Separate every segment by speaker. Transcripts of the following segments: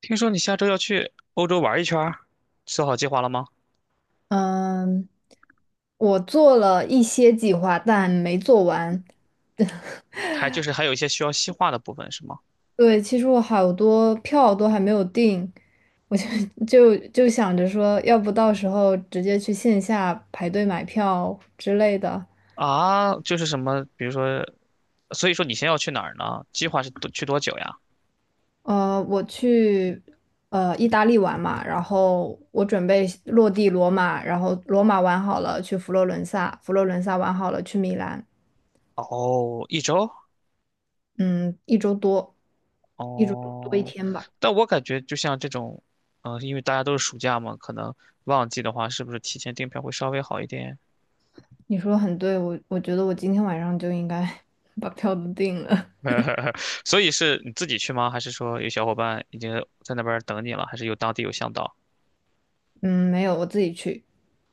Speaker 1: 听说你下周要去欧洲玩一圈儿，做好计划了吗？
Speaker 2: 嗯，我做了一些计划，但没做完。
Speaker 1: 还就是还有一些需要细化的部分是吗？
Speaker 2: 对，其实我好多票都还没有订，我就 就想着说，要不到时候直接去线下排队买票之类的。
Speaker 1: 啊，就是什么，比如说，所以说你先要去哪儿呢？计划是多去多久呀？
Speaker 2: 我去意大利玩嘛，然后我准备落地罗马，然后罗马玩好了去佛罗伦萨，佛罗伦萨玩好了去米兰。
Speaker 1: 哦，一周？
Speaker 2: 嗯，一周多，一周多一
Speaker 1: 哦，
Speaker 2: 天吧。
Speaker 1: 但我感觉就像这种，因为大家都是暑假嘛，可能旺季的话，是不是提前订票会稍微好一点？
Speaker 2: 你说的很对，我觉得我今天晚上就应该 把票都订了。
Speaker 1: 所以是你自己去吗？还是说有小伙伴已经在那边儿等你了？还是有当地有向导？
Speaker 2: 嗯，没有，我自己去。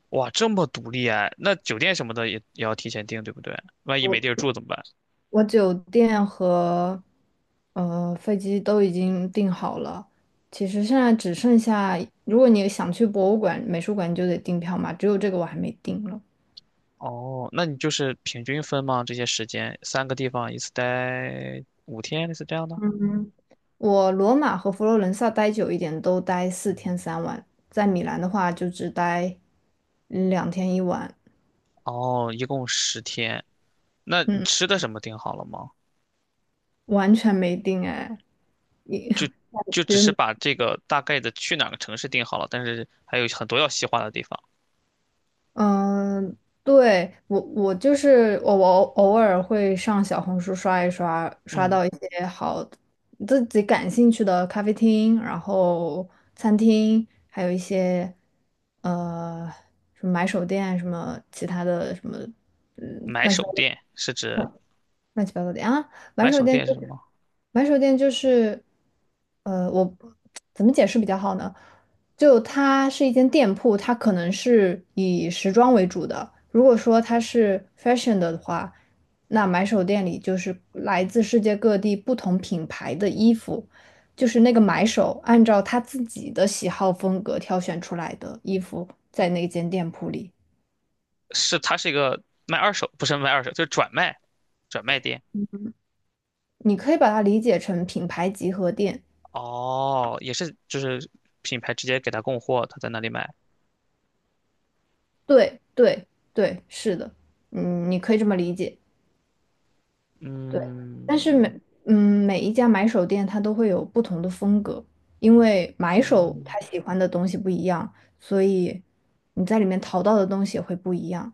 Speaker 1: 哇，这么独立哎，那酒店什么的也要提前订，对不对？万一
Speaker 2: 我
Speaker 1: 没地儿住怎么办？
Speaker 2: 我酒店和飞机都已经订好了，其实现在只剩下，如果你想去博物馆、美术馆，你就得订票嘛。只有这个我还没订了。
Speaker 1: 哦，那你就是平均分吗？这些时间，三个地方一次待5天，类似这样的？
Speaker 2: 我罗马和佛罗伦萨待久一点，都待4天3晚。在米兰的话，就只待2天1晚。
Speaker 1: 哦，一共十天。那你
Speaker 2: 嗯，
Speaker 1: 吃的什么订好了吗？
Speaker 2: 完全没定哎。你
Speaker 1: 就就 只是
Speaker 2: 觉。
Speaker 1: 把这个大概的去哪个城市订好了，但是还有很多要细化的地方。
Speaker 2: 嗯，对，我我就是我我偶尔会上小红书刷一刷，刷
Speaker 1: 嗯，
Speaker 2: 到一些好自己感兴趣的咖啡厅，然后餐厅，还有一些呃什么买手店啊，什么其他的什么，嗯，
Speaker 1: 买
Speaker 2: 乱七八
Speaker 1: 手
Speaker 2: 糟。
Speaker 1: 店是指
Speaker 2: 乱七八糟的啊，买
Speaker 1: 买
Speaker 2: 手
Speaker 1: 手
Speaker 2: 店
Speaker 1: 店是
Speaker 2: 就
Speaker 1: 什
Speaker 2: 是
Speaker 1: 么？
Speaker 2: 买手店就是，我怎么解释比较好呢？就它是一间店铺，它可能是以时装为主的。如果说它是 fashion 的话，那买手店里就是来自世界各地不同品牌的衣服，就是那个买手按照他自己的喜好风格挑选出来的衣服，在那间店铺里，
Speaker 1: 是它是一个卖二手，不是卖二手，就是转卖店。
Speaker 2: 你可以把它理解成品牌集合店。
Speaker 1: 哦，也是，就是品牌直接给他供货，他在那里买。
Speaker 2: 对对对，是的。嗯，你可以这么理解。对。但是
Speaker 1: 嗯，
Speaker 2: 嗯每一家买手店它都会有不同的风格，因为
Speaker 1: 哦，
Speaker 2: 买手他喜欢的东西不一样，所以你在里面淘到的东西也会不一样。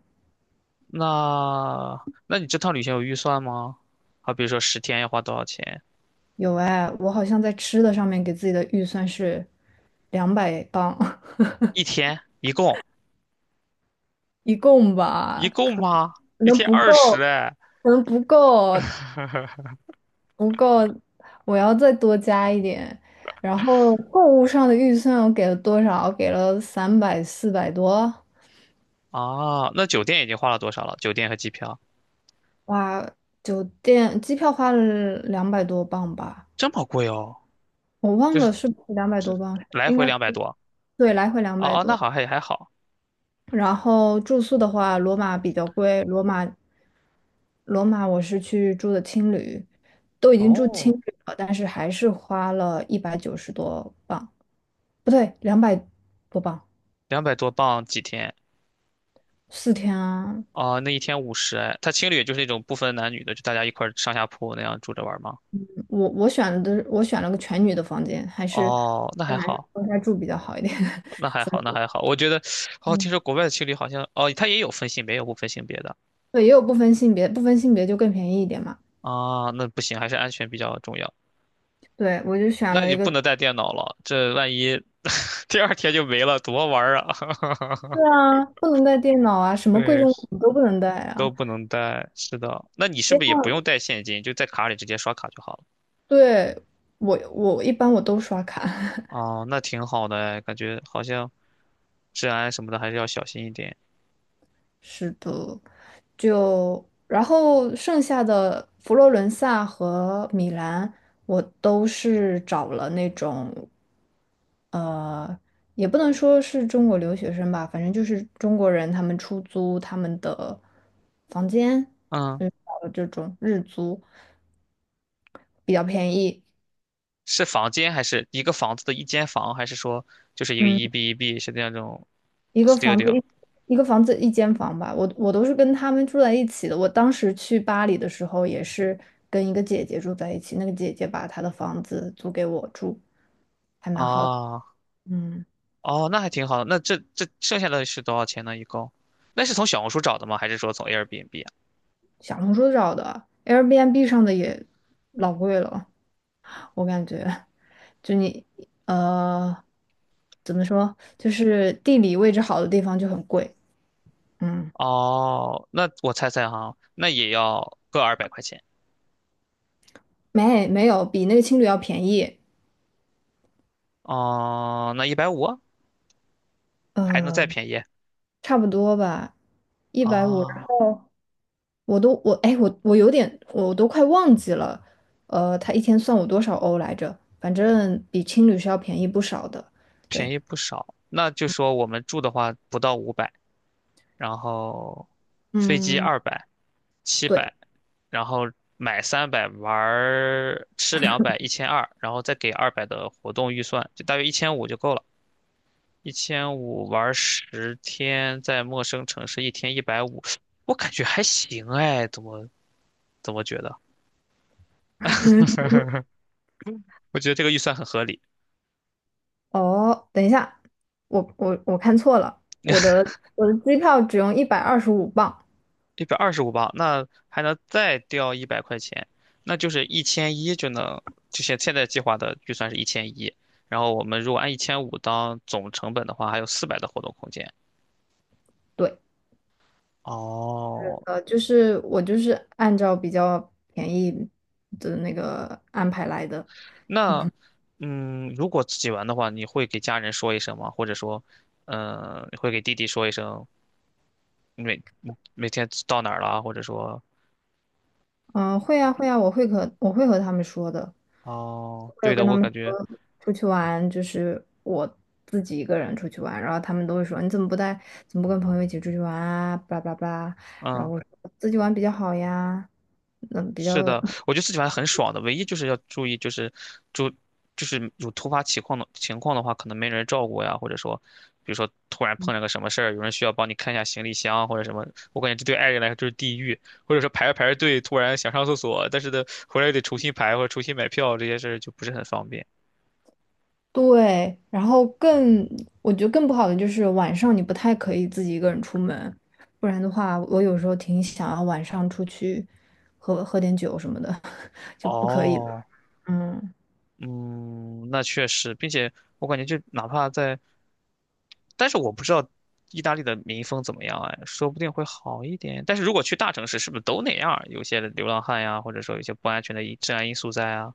Speaker 1: 那你这趟旅行有预算吗？好，比如说十天要花多少钱？
Speaker 2: 有哎，我好像在吃的上面给自己的预算是200磅，
Speaker 1: 一天一共
Speaker 2: 一共
Speaker 1: 一
Speaker 2: 吧，可
Speaker 1: 共吗？一
Speaker 2: 能
Speaker 1: 天
Speaker 2: 不够。
Speaker 1: 二十哎。
Speaker 2: 可能不够，不够，我要再多加一点。然后购物上的预算我给了多少？给了三百四百多。
Speaker 1: 啊，那酒店已经花了多少了？酒店和机票
Speaker 2: 哇，酒店机票花了两百多镑吧，
Speaker 1: 这么贵哦，
Speaker 2: 我忘
Speaker 1: 就
Speaker 2: 了
Speaker 1: 是
Speaker 2: 是不是两百多镑，
Speaker 1: 来
Speaker 2: 应
Speaker 1: 回
Speaker 2: 该是。
Speaker 1: 两百多。
Speaker 2: 对，来回两百
Speaker 1: 哦哦，那
Speaker 2: 多。
Speaker 1: 好还好。
Speaker 2: 然后住宿的话，罗马比较贵，罗马我是去住的青旅，都已经住青
Speaker 1: 哦，
Speaker 2: 旅了，但是还是花了190多镑，不对，两百多镑。
Speaker 1: 200多镑几天？
Speaker 2: 四天啊，
Speaker 1: 哦，那一天50哎，他青旅就是那种不分男女的，就大家一块儿上下铺那样住着玩儿吗？
Speaker 2: 我选了个全女的房间，还是
Speaker 1: 哦，那
Speaker 2: 跟
Speaker 1: 还
Speaker 2: 男生
Speaker 1: 好，
Speaker 2: 分开住比较好一点。
Speaker 1: 那 还好，那还好。我觉得，哦，听
Speaker 2: 嗯，
Speaker 1: 说国外的青旅好像，哦，他也有分性别，也有不分性别的
Speaker 2: 对，也有不分性别，不分性别就更便宜一点嘛。
Speaker 1: 啊，那不行，还是安全比较重要。
Speaker 2: 对，我就选
Speaker 1: 那
Speaker 2: 了
Speaker 1: 你
Speaker 2: 一
Speaker 1: 不
Speaker 2: 个。
Speaker 1: 能带电脑了，这万一 第二天就没了，多玩儿啊！
Speaker 2: 对啊，不能带电脑 啊，什么贵
Speaker 1: 对，
Speaker 2: 重物品都不能带
Speaker 1: 都
Speaker 2: 啊。
Speaker 1: 不能带，是的。那你是不是也不用带现金，就在卡里直接刷卡就好了？
Speaker 2: 对，我一般都刷卡。
Speaker 1: 哦，那挺好的哎，感觉好像治安什么的还是要小心一点。
Speaker 2: 是的，就然后剩下的佛罗伦萨和米兰，我都是找了那种，呃，也不能说是中国留学生吧，反正就是中国人他们出租他们的房间。
Speaker 1: 嗯。
Speaker 2: 嗯，找了这种日租比较便宜。
Speaker 1: 是房间还是一个房子的一间房，还是说就是一个
Speaker 2: 嗯。
Speaker 1: 一 B 一 B 是那种
Speaker 2: 一个房子
Speaker 1: studio
Speaker 2: 一一个房子一间房吧，我都是跟他们住在一起的。我当时去巴黎的时候，也是跟一个姐姐住在一起，那个姐姐把她的房子租给我住，还蛮好的。
Speaker 1: 啊？
Speaker 2: 嗯，
Speaker 1: 哦，那还挺好的。那这剩下的是多少钱呢？一共？那是从小红书找的吗？还是说从 Airbnb 啊？
Speaker 2: 小红书找的，Airbnb 上的也老贵了，我感觉就你呃怎么说，就是地理位置好的地方就很贵。嗯，
Speaker 1: 哦，那我猜猜哈，那也要个200块钱。
Speaker 2: 没有比那个青旅要便宜。
Speaker 1: 哦，那一百五啊还能再
Speaker 2: 呃，
Speaker 1: 便宜
Speaker 2: 差不多吧，150。
Speaker 1: 啊？
Speaker 2: 我都我哎我我有点我都快忘记了，呃，他一天算我多少欧来着？反正比青旅是要便宜不少的。
Speaker 1: 便
Speaker 2: 对。
Speaker 1: 宜不少。那就说我们住的话不到500，然后飞机
Speaker 2: 嗯，
Speaker 1: 二百、七
Speaker 2: 对。
Speaker 1: 百，然后买300，玩儿吃两百，1200，然后再给二百的活动预算，就大约一千五就够了。一千五玩十天，在陌生城市一天一百五，我感觉还行哎，怎么觉得？我觉得这个预算很合理。
Speaker 2: 哦，等一下，我看错了，我的机票只用125镑。
Speaker 1: 125磅，那还能再掉100块钱，那就是一千一就能，就现在计划的预算是一千一，然后我们如果按一千五当总成本的话，还有400的活动空间。
Speaker 2: 对，
Speaker 1: 哦，
Speaker 2: 就是我就是按照比较便宜的那个安排来的。
Speaker 1: 那如果自己玩的话，你会给家人说一声吗？或者说，你会给弟弟说一声，你每天到哪儿了啊或者说，
Speaker 2: 嗯，会啊会啊，我会和他们说的。
Speaker 1: 哦，
Speaker 2: 我
Speaker 1: 对
Speaker 2: 有
Speaker 1: 的，
Speaker 2: 跟他
Speaker 1: 我
Speaker 2: 们
Speaker 1: 感觉，
Speaker 2: 说出去玩，就是我自己一个人出去玩，然后他们都会说你怎么不带，怎么不跟朋友一起出去玩啊？巴拉巴拉，然后
Speaker 1: 嗯。
Speaker 2: 我说自己玩比较好呀。嗯，比
Speaker 1: 是
Speaker 2: 较
Speaker 1: 的，我觉得自己玩很爽的，唯一就是要注意，就是注就是有突发情况的情况的话，可能没人照顾呀，或者说，比如说突然碰上个什么事儿，有人需要帮你看一下行李箱或者什么，我感觉这对爱人来说就是地狱，或者说排着排着队突然想上厕所，但是呢回来又得重新排或者重新买票，这些事儿就不是很方便。
Speaker 2: 对。然后我觉得更不好的就是晚上你不太可以自己一个人出门，不然的话，我有时候挺想要晚上出去喝喝点酒什么的，就不可以了。
Speaker 1: 哦，
Speaker 2: 嗯。
Speaker 1: 嗯，那确实，并且我感觉就哪怕在，但是我不知道意大利的民风怎么样哎，说不定会好一点。但是如果去大城市，是不是都那样儿有些流浪汉呀，或者说有些不安全的治安因素在啊。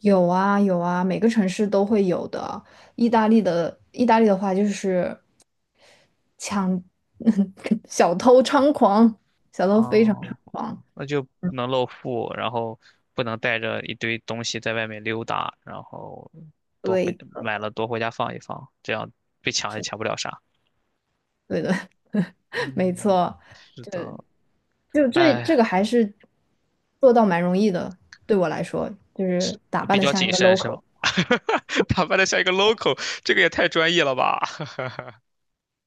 Speaker 2: 有啊有啊，每个城市都会有的。意大利的话就是抢，小偷猖狂，小偷非常猖
Speaker 1: 哦，
Speaker 2: 狂。
Speaker 1: 那就不能露富，然后不能带着一堆东西在外面溜达，然后多回
Speaker 2: 对，
Speaker 1: 买了多回家放一放，这样被抢也
Speaker 2: 是，
Speaker 1: 抢不了啥。
Speaker 2: 对的。没
Speaker 1: 嗯，
Speaker 2: 错。
Speaker 1: 是
Speaker 2: 就
Speaker 1: 的，
Speaker 2: 就这这
Speaker 1: 哎。
Speaker 2: 个还是做到蛮容易的，对我来说，就是打扮
Speaker 1: 比
Speaker 2: 的
Speaker 1: 较
Speaker 2: 像一
Speaker 1: 谨
Speaker 2: 个
Speaker 1: 慎是
Speaker 2: local，
Speaker 1: 吗？打扮的像一个 local，这个也太专业了吧？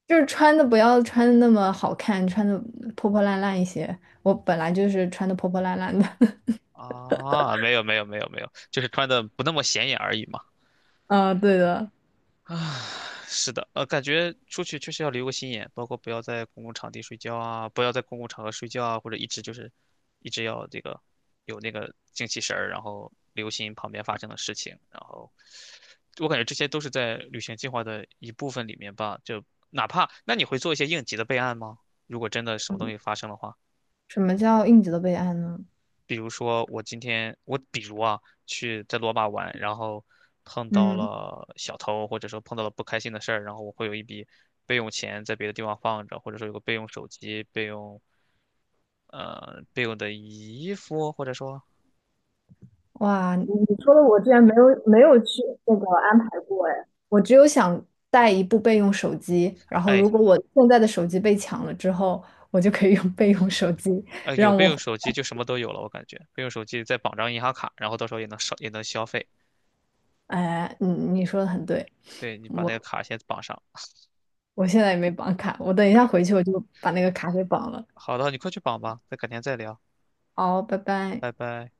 Speaker 2: 就是穿的不要穿的那么好看，穿的破破烂烂一些。我本来就是穿的破破烂烂的。
Speaker 1: 啊，没有没有没有没有，就是穿的不那么显眼而已嘛。
Speaker 2: 啊，对的。
Speaker 1: 是的，感觉出去确实要留个心眼，包括不要在公共场地睡觉啊，不要在公共场合睡觉啊，或者一直就是一直要这个有那个精气神儿，然后留心旁边发生的事情，然后我感觉这些都是在旅行计划的一部分里面吧。就哪怕那你会做一些应急的备案吗？如果真的什么东西发生的话。
Speaker 2: 什么叫应急的备案呢？
Speaker 1: 比如说我今天我比如啊去在罗马玩，然后碰到
Speaker 2: 嗯。
Speaker 1: 了小偷，或者说碰到了不开心的事儿，然后我会有一笔备用钱在别的地方放着，或者说有个备用手机、备用备用的衣服，或者说
Speaker 2: 哇，你说的我之前没有去那个安排过哎，我只有想带一部备用手机，然后
Speaker 1: 哎
Speaker 2: 如果我现在的手机被抢了之后，我就可以用备用手机
Speaker 1: 有
Speaker 2: 让
Speaker 1: 备
Speaker 2: 我
Speaker 1: 用
Speaker 2: 活
Speaker 1: 手机
Speaker 2: 下
Speaker 1: 就什么都有了，我感觉备用手机再绑张银行卡，然后到时候也能少也能消费。
Speaker 2: 来哎，你说的很对，
Speaker 1: 对你把那个
Speaker 2: 我
Speaker 1: 卡先绑上。
Speaker 2: 我现在也没绑卡，我等一下回去我就把那个卡给绑了。
Speaker 1: 好的，你快去绑吧，再改天再聊，
Speaker 2: 好，拜拜。
Speaker 1: 拜拜。